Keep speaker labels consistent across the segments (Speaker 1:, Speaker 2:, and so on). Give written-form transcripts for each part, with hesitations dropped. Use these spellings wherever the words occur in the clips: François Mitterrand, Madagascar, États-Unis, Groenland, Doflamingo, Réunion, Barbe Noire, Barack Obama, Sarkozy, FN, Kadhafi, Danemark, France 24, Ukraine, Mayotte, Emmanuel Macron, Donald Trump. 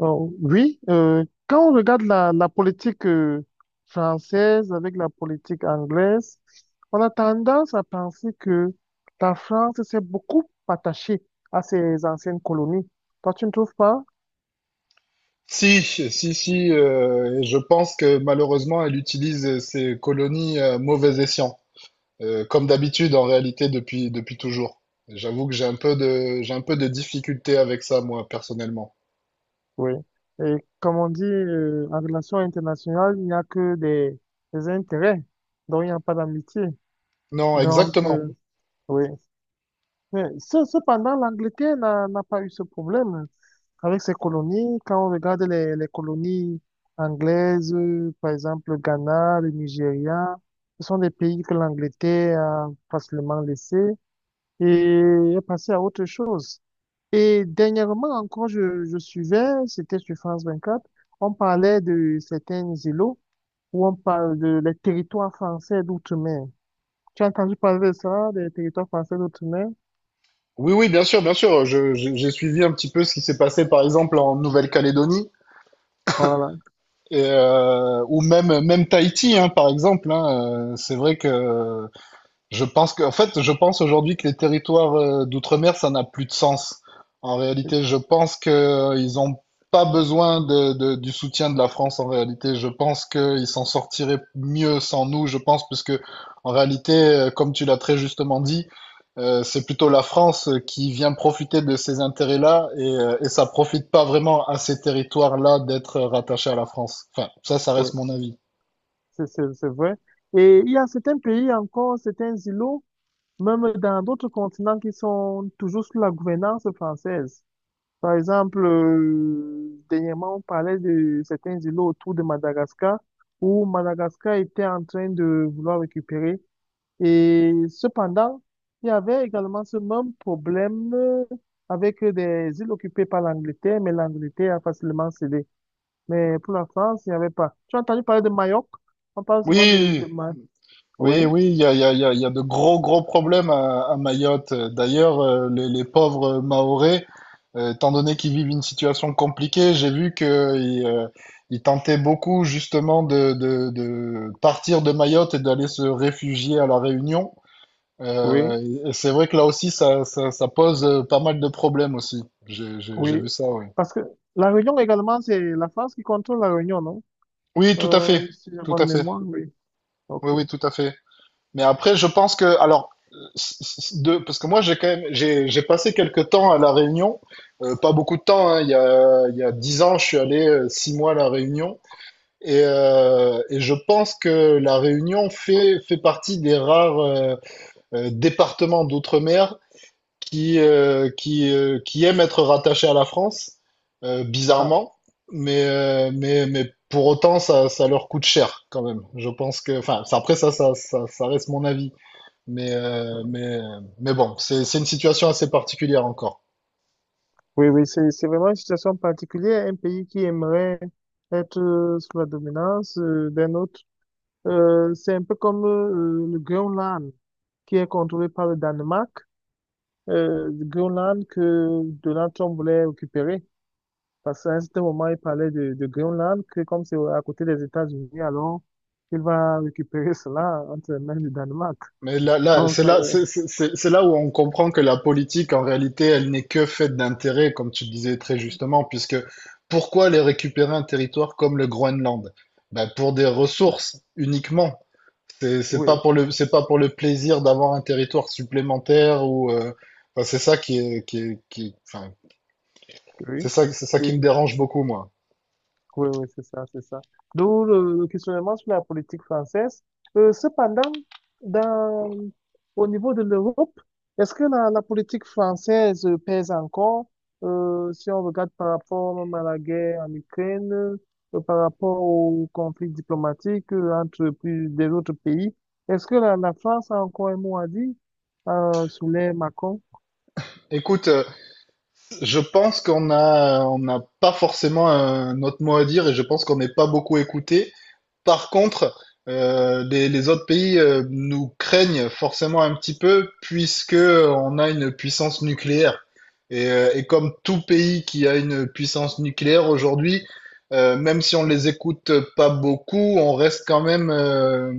Speaker 1: Oh, oui, Quand on regarde la politique française avec la politique anglaise, on a tendance à penser que la France s'est beaucoup attachée à ses anciennes colonies. Toi, tu ne trouves pas?
Speaker 2: Si, si, si, et je pense que malheureusement, elle utilise ses colonies à mauvais escient, comme d'habitude en réalité depuis toujours. J'avoue que j'ai un peu de difficulté avec ça, moi, personnellement.
Speaker 1: Oui. Et comme on dit, en relation internationale, il n'y a que des intérêts, donc il n'y a pas d'amitié.
Speaker 2: Non,
Speaker 1: Donc,
Speaker 2: exactement.
Speaker 1: euh, Oui. Mais cependant, l'Angleterre n'a pas eu ce problème, hein, avec ses colonies. Quand on regarde les colonies anglaises, par exemple le Ghana, le Nigeria, ce sont des pays que l'Angleterre a facilement laissés et est passée à autre chose. Et dernièrement encore, je suivais, c'était sur France 24. On parlait de certains îlots où on parle de les territoires français d'outre-mer. Tu as entendu parler de ça, des territoires français d'outre-mer?
Speaker 2: Oui, oui, bien sûr, bien sûr. J'ai suivi un petit peu ce qui s'est passé, par exemple, en Nouvelle-Calédonie,
Speaker 1: Voilà.
Speaker 2: et, ou même, même Tahiti, hein, par exemple, hein. C'est vrai que je pense que, en fait, je pense aujourd'hui que les territoires d'outre-mer, ça n'a plus de sens. En réalité, je pense que ils ont pas besoin de, du soutien de la France. En réalité, je pense qu'ils s'en sortiraient mieux sans nous. Je pense, puisque en réalité, comme tu l'as très justement dit, c'est plutôt la France qui vient profiter de ces intérêts-là et ça profite pas vraiment à ces territoires-là d'être rattachés à la France. Enfin, ça reste mon avis.
Speaker 1: C'est vrai. Et il y a certains pays encore, certains îlots, même dans d'autres continents qui sont toujours sous la gouvernance française. Par exemple, dernièrement, on parlait de certains îlots autour de Madagascar, où Madagascar était en train de vouloir récupérer. Et cependant, il y avait également ce même problème avec des îles occupées par l'Angleterre, mais l'Angleterre a facilement cédé. Mais pour la France, il n'y avait pas. Tu as entendu parler de Mayotte? On parle souvent
Speaker 2: Oui,
Speaker 1: Ma- oui,
Speaker 2: oui, oui, il y a, il y a, il y a de gros, gros problèmes à Mayotte. D'ailleurs, les pauvres Mahorais, étant donné qu'ils vivent une situation compliquée, j'ai vu qu'ils euh, ils tentaient beaucoup justement de partir de Mayotte et d'aller se réfugier à La Réunion.
Speaker 1: oui,
Speaker 2: Euh, et c'est vrai que là aussi, ça pose pas mal de problèmes aussi. J'ai
Speaker 1: oui.
Speaker 2: vu ça, oui.
Speaker 1: Parce que la Réunion également, c'est la France qui contrôle la Réunion, non?
Speaker 2: Oui, tout à fait,
Speaker 1: Si j'ai
Speaker 2: tout
Speaker 1: bonne
Speaker 2: à fait.
Speaker 1: mémoire, oui. Ok.
Speaker 2: Oui, oui, tout à fait. Mais après, je pense que, alors, parce que moi, j'ai quand même, j'ai passé quelques temps à La Réunion. Pas beaucoup de temps, hein, il y a 10 ans, je suis allé six mois à La Réunion, et je pense que La Réunion fait partie des rares départements d'outre-mer qui aiment être rattachés à la France,
Speaker 1: Ah,
Speaker 2: bizarrement, mais pour autant, ça leur coûte cher quand même. Je pense que, enfin, après, ça, ça reste mon avis. Mais, euh, mais, mais bon, c'est une situation assez particulière encore.
Speaker 1: oui, oui, c'est vraiment une situation particulière. Un pays qui aimerait être sous la dominance d'un autre. C'est un peu comme le Groenland, qui est contrôlé par le Danemark. Le Groenland que Donald Trump voulait récupérer. Parce qu'à un certain moment, il parlait de Groenland, que comme c'est à côté des États-Unis, alors il va récupérer cela entre les mains du Danemark.
Speaker 2: Mais là, là,
Speaker 1: Donc, ça-
Speaker 2: c'est là où on comprend que la politique, en réalité, elle n'est que faite d'intérêts, comme tu le disais très justement, puisque pourquoi aller récupérer un territoire comme le Groenland? Ben, pour des ressources uniquement. C'est pas
Speaker 1: oui,
Speaker 2: pour le, c'est pas pour le plaisir d'avoir un territoire supplémentaire ou, enfin, c'est ça qui est, qui est, qui est- enfin,
Speaker 1: oui,
Speaker 2: c'est ça qui
Speaker 1: oui.
Speaker 2: me dérange beaucoup, moi.
Speaker 1: Oui, oui, c'est ça, c'est ça. D'où le questionnement sur la politique française. Cependant, dans, au niveau de l'Europe, est-ce que la politique française pèse encore, si on regarde par rapport même à la guerre en Ukraine, par rapport au conflit diplomatique entre plus des autres pays, est-ce que la France a encore un mot à dire, sous les Macron?
Speaker 2: Écoute, je pense qu'on a, on n'a pas forcément notre mot à dire et je pense qu'on n'est pas beaucoup écouté. Par contre, les autres pays nous craignent forcément un petit peu puisque on a une puissance nucléaire. Et comme tout pays qui a une puissance nucléaire aujourd'hui, même si on les écoute pas beaucoup, on reste quand même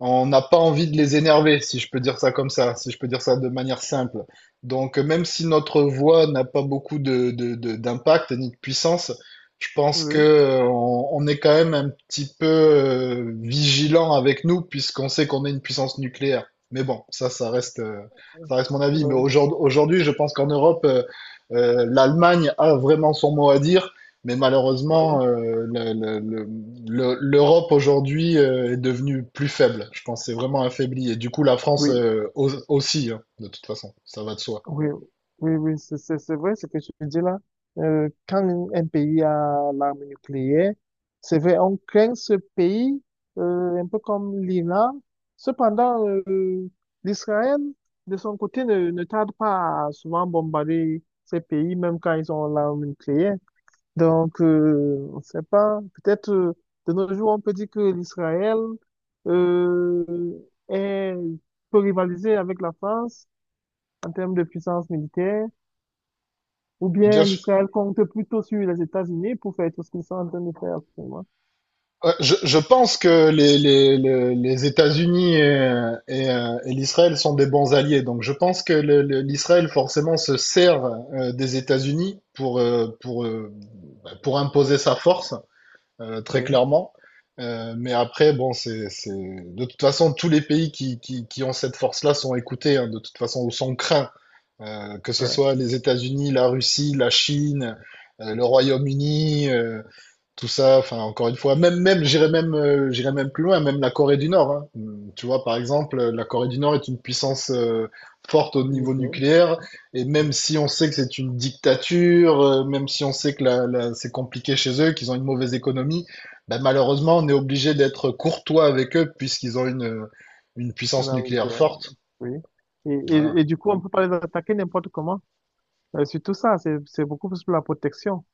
Speaker 2: on n'a pas envie de les énerver, si je peux dire ça comme ça, si je peux dire ça de manière simple. Donc, même si notre voix n'a pas beaucoup de, d'impact ni de puissance, je pense que
Speaker 1: Oui,
Speaker 2: on est quand même un petit peu vigilant avec nous, puisqu'on sait qu'on est une puissance nucléaire. Mais bon, ça, ça reste mon avis. Mais
Speaker 1: euh,
Speaker 2: aujourd'hui, aujourd'hui, je pense qu'en Europe, l'Allemagne a vraiment son mot à dire. Mais malheureusement,
Speaker 1: oui,
Speaker 2: l'Europe aujourd'hui est devenue plus faible. Je pense que c'est vraiment affaibli. Et du coup, la France
Speaker 1: oui.
Speaker 2: aussi, hein, de toute façon, ça va de soi.
Speaker 1: Oui, oui, oui, c'est vrai ce que tu dis là. Quand un pays a l'arme nucléaire, c'est vrai, on craint ce pays, un peu comme l'Iran. Cependant, l'Israël, de son côté, ne tarde pas à souvent bombarder ces pays, même quand ils ont l'arme nucléaire. Donc, on ne sait pas, peut-être de nos jours, on peut dire que l'Israël euh, est, peut rivaliser avec la France en termes de puissance militaire, ou
Speaker 2: Bien
Speaker 1: bien
Speaker 2: sûr.
Speaker 1: l'Israël compte plutôt sur les États-Unis pour faire tout ce qu'ils sont en train de faire actuellement.
Speaker 2: Ouais, je pense que les États-Unis et l'Israël sont des bons alliés. Donc je pense que l'Israël forcément se sert des États-Unis pour, bah, pour imposer sa force, très
Speaker 1: Oui,
Speaker 2: clairement. Mais après, bon, c'est... De toute façon, tous les pays qui ont cette force-là sont écoutés, hein, de toute façon, ou sont craints. Que ce
Speaker 1: ouais,
Speaker 2: soit les États-Unis, la Russie, la Chine, le Royaume-Uni, tout ça, enfin encore une fois, même même j'irais même j'irais même plus loin, même la Corée du Nord, hein. Tu vois, par exemple, la Corée du Nord est une puissance forte au niveau
Speaker 1: ok,
Speaker 2: nucléaire, et même
Speaker 1: ok.
Speaker 2: si on sait que c'est une dictature, même si on sait que c'est compliqué chez eux, qu'ils ont une mauvaise économie, ben, malheureusement, on est obligé d'être courtois avec eux puisqu'ils ont une puissance
Speaker 1: Donc,
Speaker 2: nucléaire
Speaker 1: euh,
Speaker 2: forte.
Speaker 1: oui. Et,
Speaker 2: Voilà.
Speaker 1: et du coup, on peut pas les attaquer n'importe comment. Surtout ça, c'est beaucoup plus pour la protection.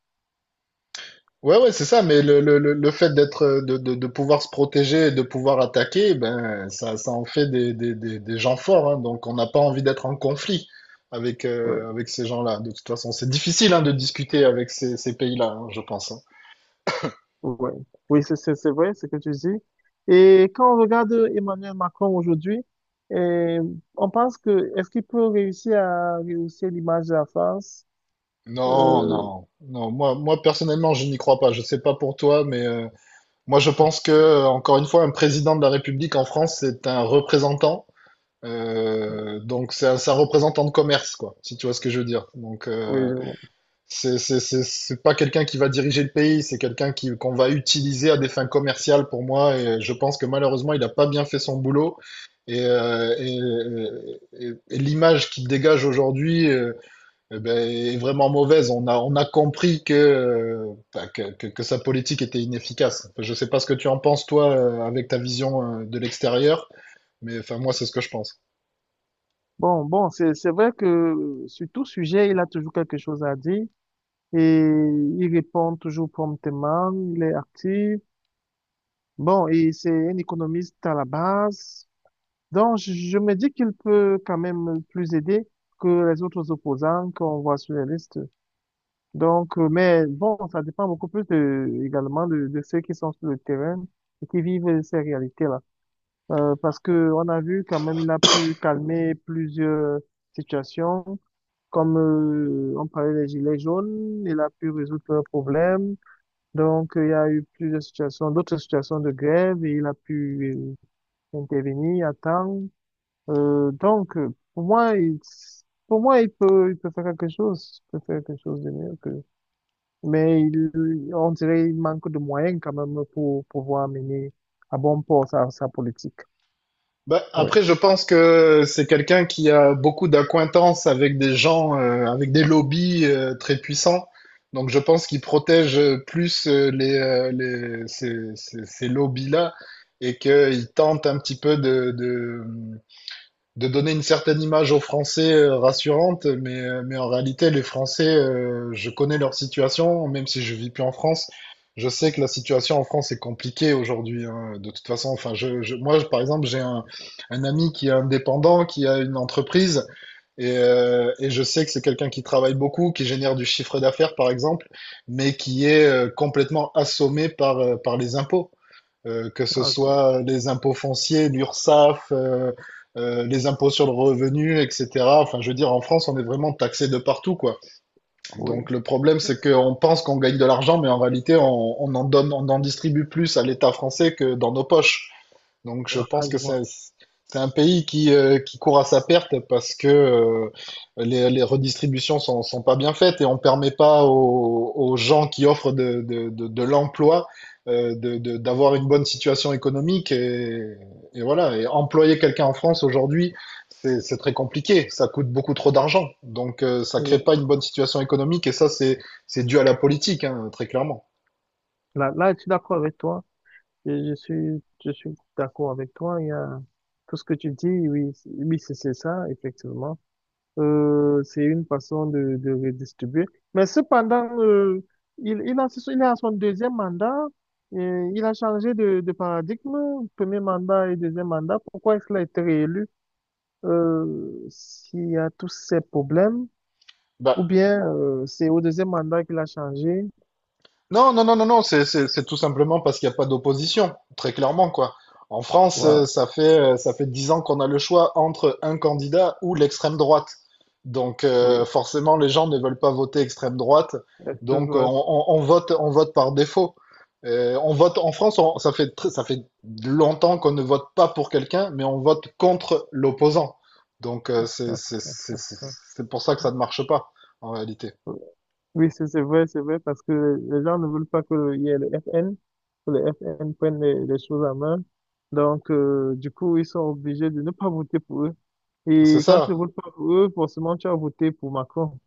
Speaker 2: Ouais, ouais, c'est ça, mais le fait d'être, de pouvoir se protéger et de pouvoir attaquer, ben, ça en fait des gens forts, hein. Donc on n'a pas envie d'être en conflit avec,
Speaker 1: Ouais.
Speaker 2: avec ces gens-là. De toute façon, c'est difficile, hein, de discuter avec ces pays-là, hein, je pense, hein.
Speaker 1: Ouais. Oui, c'est vrai ce que tu dis. Et quand on regarde Emmanuel Macron aujourd'hui, eh, on pense que est-ce qu'il peut réussir à rehausser l'image de la France?
Speaker 2: Non,
Speaker 1: Euh,
Speaker 2: non, non, moi, moi, personnellement, je n'y crois pas. Je sais pas pour toi, mais moi, je pense que, encore une fois, un président de la République en France, c'est un représentant. Donc c'est un représentant de commerce, quoi, si tu vois ce que je veux dire. Donc,
Speaker 1: oui, je vois.
Speaker 2: c'est, c'est pas quelqu'un qui va diriger le pays, c'est quelqu'un qui, qu'on va utiliser à des fins commerciales pour moi. Et je pense que malheureusement, il n'a pas bien fait son boulot. Et, et l'image qu'il dégage aujourd'hui, eh ben, est vraiment mauvaise. On a compris que, que sa politique était inefficace. Enfin, je sais pas ce que tu en penses, toi, avec ta vision de l'extérieur, mais enfin, moi, c'est ce que je pense.
Speaker 1: Bon, bon, c'est vrai que sur tout sujet, il a toujours quelque chose à dire et il répond toujours promptement, il est actif. Bon, et c'est un économiste à la base. Donc, je me dis qu'il peut quand même plus aider que les autres opposants qu'on voit sur les listes. Donc, mais bon, ça dépend beaucoup plus également de de ceux qui sont sur le terrain et qui vivent ces réalités-là. Parce que on a vu quand même, il a pu calmer plusieurs situations, comme on parlait des gilets jaunes, il a pu résoudre leurs problèmes. Donc, il y a eu plusieurs situations, d'autres situations de grève et il a pu intervenir à temps. Euh, donc, euh, pour moi, il, pour moi, il peut faire quelque chose, il peut faire quelque chose de mieux, mais il, on dirait qu'il manque de moyens quand même pour pouvoir mener à bon port sa politique.
Speaker 2: Bah,
Speaker 1: Oui,
Speaker 2: après, je pense que c'est quelqu'un qui a beaucoup d'acquaintances avec des gens, avec des lobbies très puissants. Donc, je pense qu'il protège plus ces lobbies-là et qu'il tente un petit peu de donner une certaine image aux Français rassurante, mais en réalité, les Français, je connais leur situation, même si je vis plus en France. Je sais que la situation en France est compliquée aujourd'hui, hein. De toute façon, enfin, par exemple, un ami qui est indépendant, qui a une entreprise, et je sais que c'est quelqu'un qui travaille beaucoup, qui génère du chiffre d'affaires, par exemple, mais qui est complètement assommé par, par les impôts, que ce
Speaker 1: un jour.
Speaker 2: soit les impôts fonciers, l'URSSAF, les impôts sur le revenu, etc. Enfin, je veux dire, en France, on est vraiment taxé de partout, quoi.
Speaker 1: Oui,
Speaker 2: Donc, le problème, c'est qu'on pense qu'on gagne de l'argent, mais en réalité, on en donne, on en distribue plus à l'État français que dans nos poches. Donc je
Speaker 1: ah,
Speaker 2: pense
Speaker 1: je
Speaker 2: que
Speaker 1: vois.
Speaker 2: c'est un pays qui court à sa perte parce que les redistributions sont, sont pas bien faites et on permet pas aux, aux gens qui offrent de l'emploi d'avoir une bonne situation économique et voilà. Et employer quelqu'un en France aujourd'hui, c'est très compliqué. Ça coûte beaucoup trop d'argent. Donc ça crée
Speaker 1: Oui.
Speaker 2: pas une bonne situation économique et c'est dû à la politique, hein, très clairement.
Speaker 1: Là, là, je suis d'accord avec toi. Je suis d'accord avec toi. Il y a tout ce que tu dis. Oui, oui, c'est ça, effectivement. C'est une façon de redistribuer. Mais cependant, il a son deuxième mandat. Et il a changé de paradigme, premier mandat et deuxième mandat. Pourquoi est-ce qu'il a été réélu? S'il y a tous ces problèmes,
Speaker 2: Bah,
Speaker 1: ou bien c'est au deuxième mandat qu'il a changé.
Speaker 2: Non, non, non, non, non, c'est tout simplement parce qu'il n'y a pas d'opposition, très clairement, quoi. En France,
Speaker 1: Voilà,
Speaker 2: ça fait 10 ans qu'on a le choix entre un candidat ou l'extrême droite. Donc,
Speaker 1: oui,
Speaker 2: forcément, les gens ne veulent pas voter extrême droite.
Speaker 1: extrême
Speaker 2: Donc,
Speaker 1: droite.
Speaker 2: on vote par défaut. On vote, en France, ça fait longtemps qu'on ne vote pas pour quelqu'un, mais on vote contre l'opposant. Donc,
Speaker 1: Ah, ah,
Speaker 2: c'est pour ça que ça ne marche pas, en réalité.
Speaker 1: oui. Oui, c'est vrai, c'est vrai, parce que les gens ne veulent pas que il y ait le FN, que le FN prenne les choses en main. Donc, du coup, ils sont obligés de ne pas voter pour eux.
Speaker 2: C'est
Speaker 1: Et quand tu ne
Speaker 2: ça.
Speaker 1: votes pas pour eux, forcément, tu as voté pour Macron.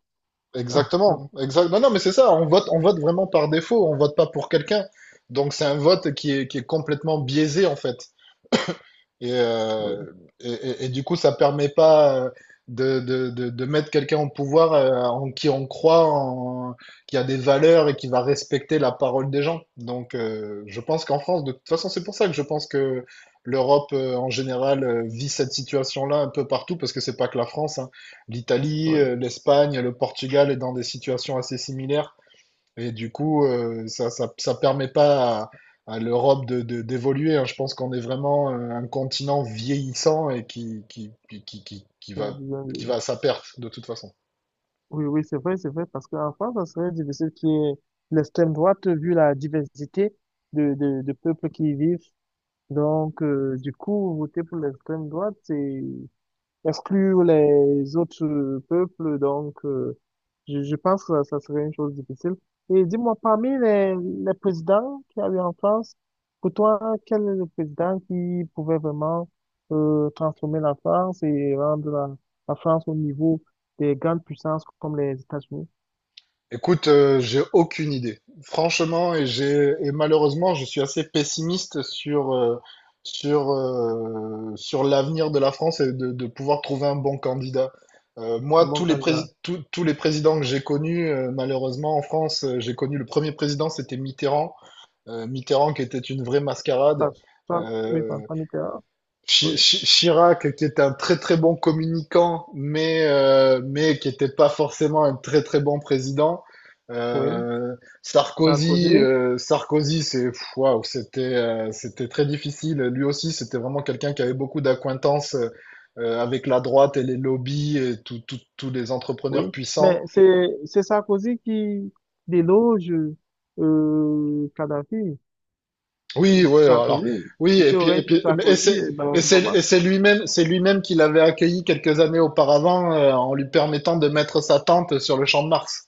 Speaker 2: Exactement, exact. Non, non, mais c'est ça, on vote vraiment par défaut, on vote pas pour quelqu'un. Donc c'est un vote qui est complètement biaisé en fait. Et,
Speaker 1: Oui,
Speaker 2: et du coup, ça permet pas de, de mettre quelqu'un au pouvoir en qui on croit, en, qui a des valeurs et qui va respecter la parole des gens. Donc, je pense qu'en France, de toute façon, c'est pour ça que je pense que l'Europe en général vit cette situation-là un peu partout, parce que c'est pas que la France, hein. L'Italie, l'Espagne, le Portugal est dans des situations assez similaires. Et du coup, ça permet pas à, à l'Europe d'évoluer, hein. Je pense qu'on est vraiment un continent vieillissant et qui
Speaker 1: oui.
Speaker 2: va à sa perte de toute façon.
Speaker 1: Oui, oui, c'est vrai, parce qu'en France, ça serait difficile qu'il y ait l'extrême droite vu la diversité de peuples qui y vivent. Donc, du coup, voter pour l'extrême droite, c'est exclure les autres peuples. Donc, je pense que ça serait une chose difficile. Et dis-moi, parmi les présidents qu'il y a eu en France, pour toi, quel est le président qui pouvait vraiment transformer la France et rendre la France au niveau des grandes puissances comme les États-Unis?
Speaker 2: Écoute, j'ai aucune idée. Franchement, et malheureusement, je suis assez pessimiste sur, sur l'avenir de la France et de pouvoir trouver un bon candidat. Moi,
Speaker 1: Un bon candidat.
Speaker 2: tous les présidents que j'ai connus, malheureusement en France, j'ai connu le premier président, c'était Mitterrand. Mitterrand qui était une vraie
Speaker 1: Enfin,
Speaker 2: mascarade,
Speaker 1: soit, oui,
Speaker 2: euh,
Speaker 1: François Mitterrand, oui,
Speaker 2: Chirac qui était un très très bon communicant, mais qui n'était pas forcément un très très bon président.
Speaker 1: oui,
Speaker 2: Euh, Sarkozy,
Speaker 1: Sarkozy,
Speaker 2: Sarkozy, c'est pff, waouh, c'était c'était très difficile. Lui aussi, c'était vraiment quelqu'un qui avait beaucoup d'acquaintances, avec la droite et les lobbies et tous les
Speaker 1: oui.
Speaker 2: entrepreneurs puissants.
Speaker 1: Mais c'est Sarkozy qui déloge Kadhafi,
Speaker 2: Oui, ouais, alors,
Speaker 1: Sarkozy.
Speaker 2: oui, et
Speaker 1: C'était au
Speaker 2: puis,
Speaker 1: règne de Sarkozy et Barack Obama.
Speaker 2: et c'est lui-même qui l'avait accueilli quelques années auparavant, en lui permettant de mettre sa tente sur le champ de Mars.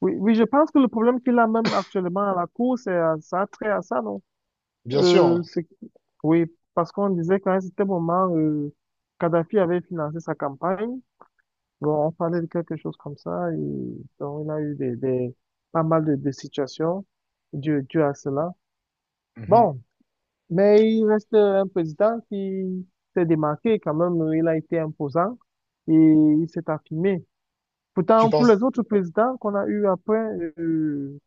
Speaker 1: Oui, oui, je pense que le problème qu'il a même actuellement à la Cour, ça a trait à ça, non?
Speaker 2: Bien
Speaker 1: Euh,
Speaker 2: sûr.
Speaker 1: c'est, oui, parce qu'on disait qu'à un certain moment, Kadhafi avait financé sa campagne. Bon, on parlait de quelque chose comme ça, et donc il a eu pas mal de situations dues, dues à cela.
Speaker 2: Mhm.
Speaker 1: Bon, mais il reste un président qui s'est démarqué quand même, il a été imposant et il s'est affirmé.
Speaker 2: Tu
Speaker 1: Pourtant, pour les
Speaker 2: penses?
Speaker 1: autres présidents qu'on a eu après, euh,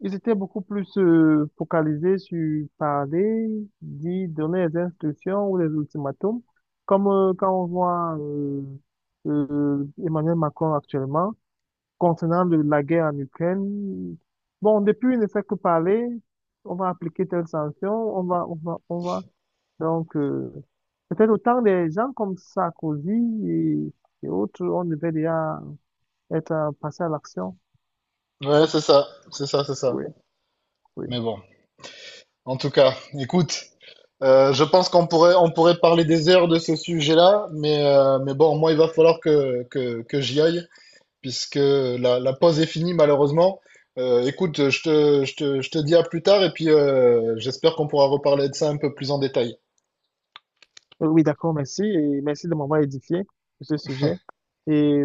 Speaker 1: ils étaient beaucoup plus focalisés sur parler, dire, donner des instructions ou des ultimatums, comme quand on voit Emmanuel Macron actuellement. Concernant la guerre en Ukraine, bon, depuis, il ne fait que parler. On va appliquer telle sanction, on va, on va, on va. Donc, peut-être autant des gens comme Sarkozy et, et autres, on devait déjà être passé à l'action.
Speaker 2: Ouais, c'est ça, c'est ça, c'est ça.
Speaker 1: Oui, oui.
Speaker 2: Mais bon. En tout cas, écoute, je pense qu'on pourrait, on pourrait parler des heures de ce sujet-là, mais bon, moi, il va falloir que, que j'y aille, puisque la, la pause est finie malheureusement. Écoute, je te dis à plus tard et puis j'espère qu'on pourra reparler de ça un peu plus en détail.
Speaker 1: Oui, d'accord, merci. Et merci de m'avoir édifié sur ce sujet. Et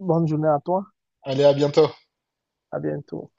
Speaker 1: bonne journée à toi.
Speaker 2: Allez, à bientôt.
Speaker 1: À bientôt.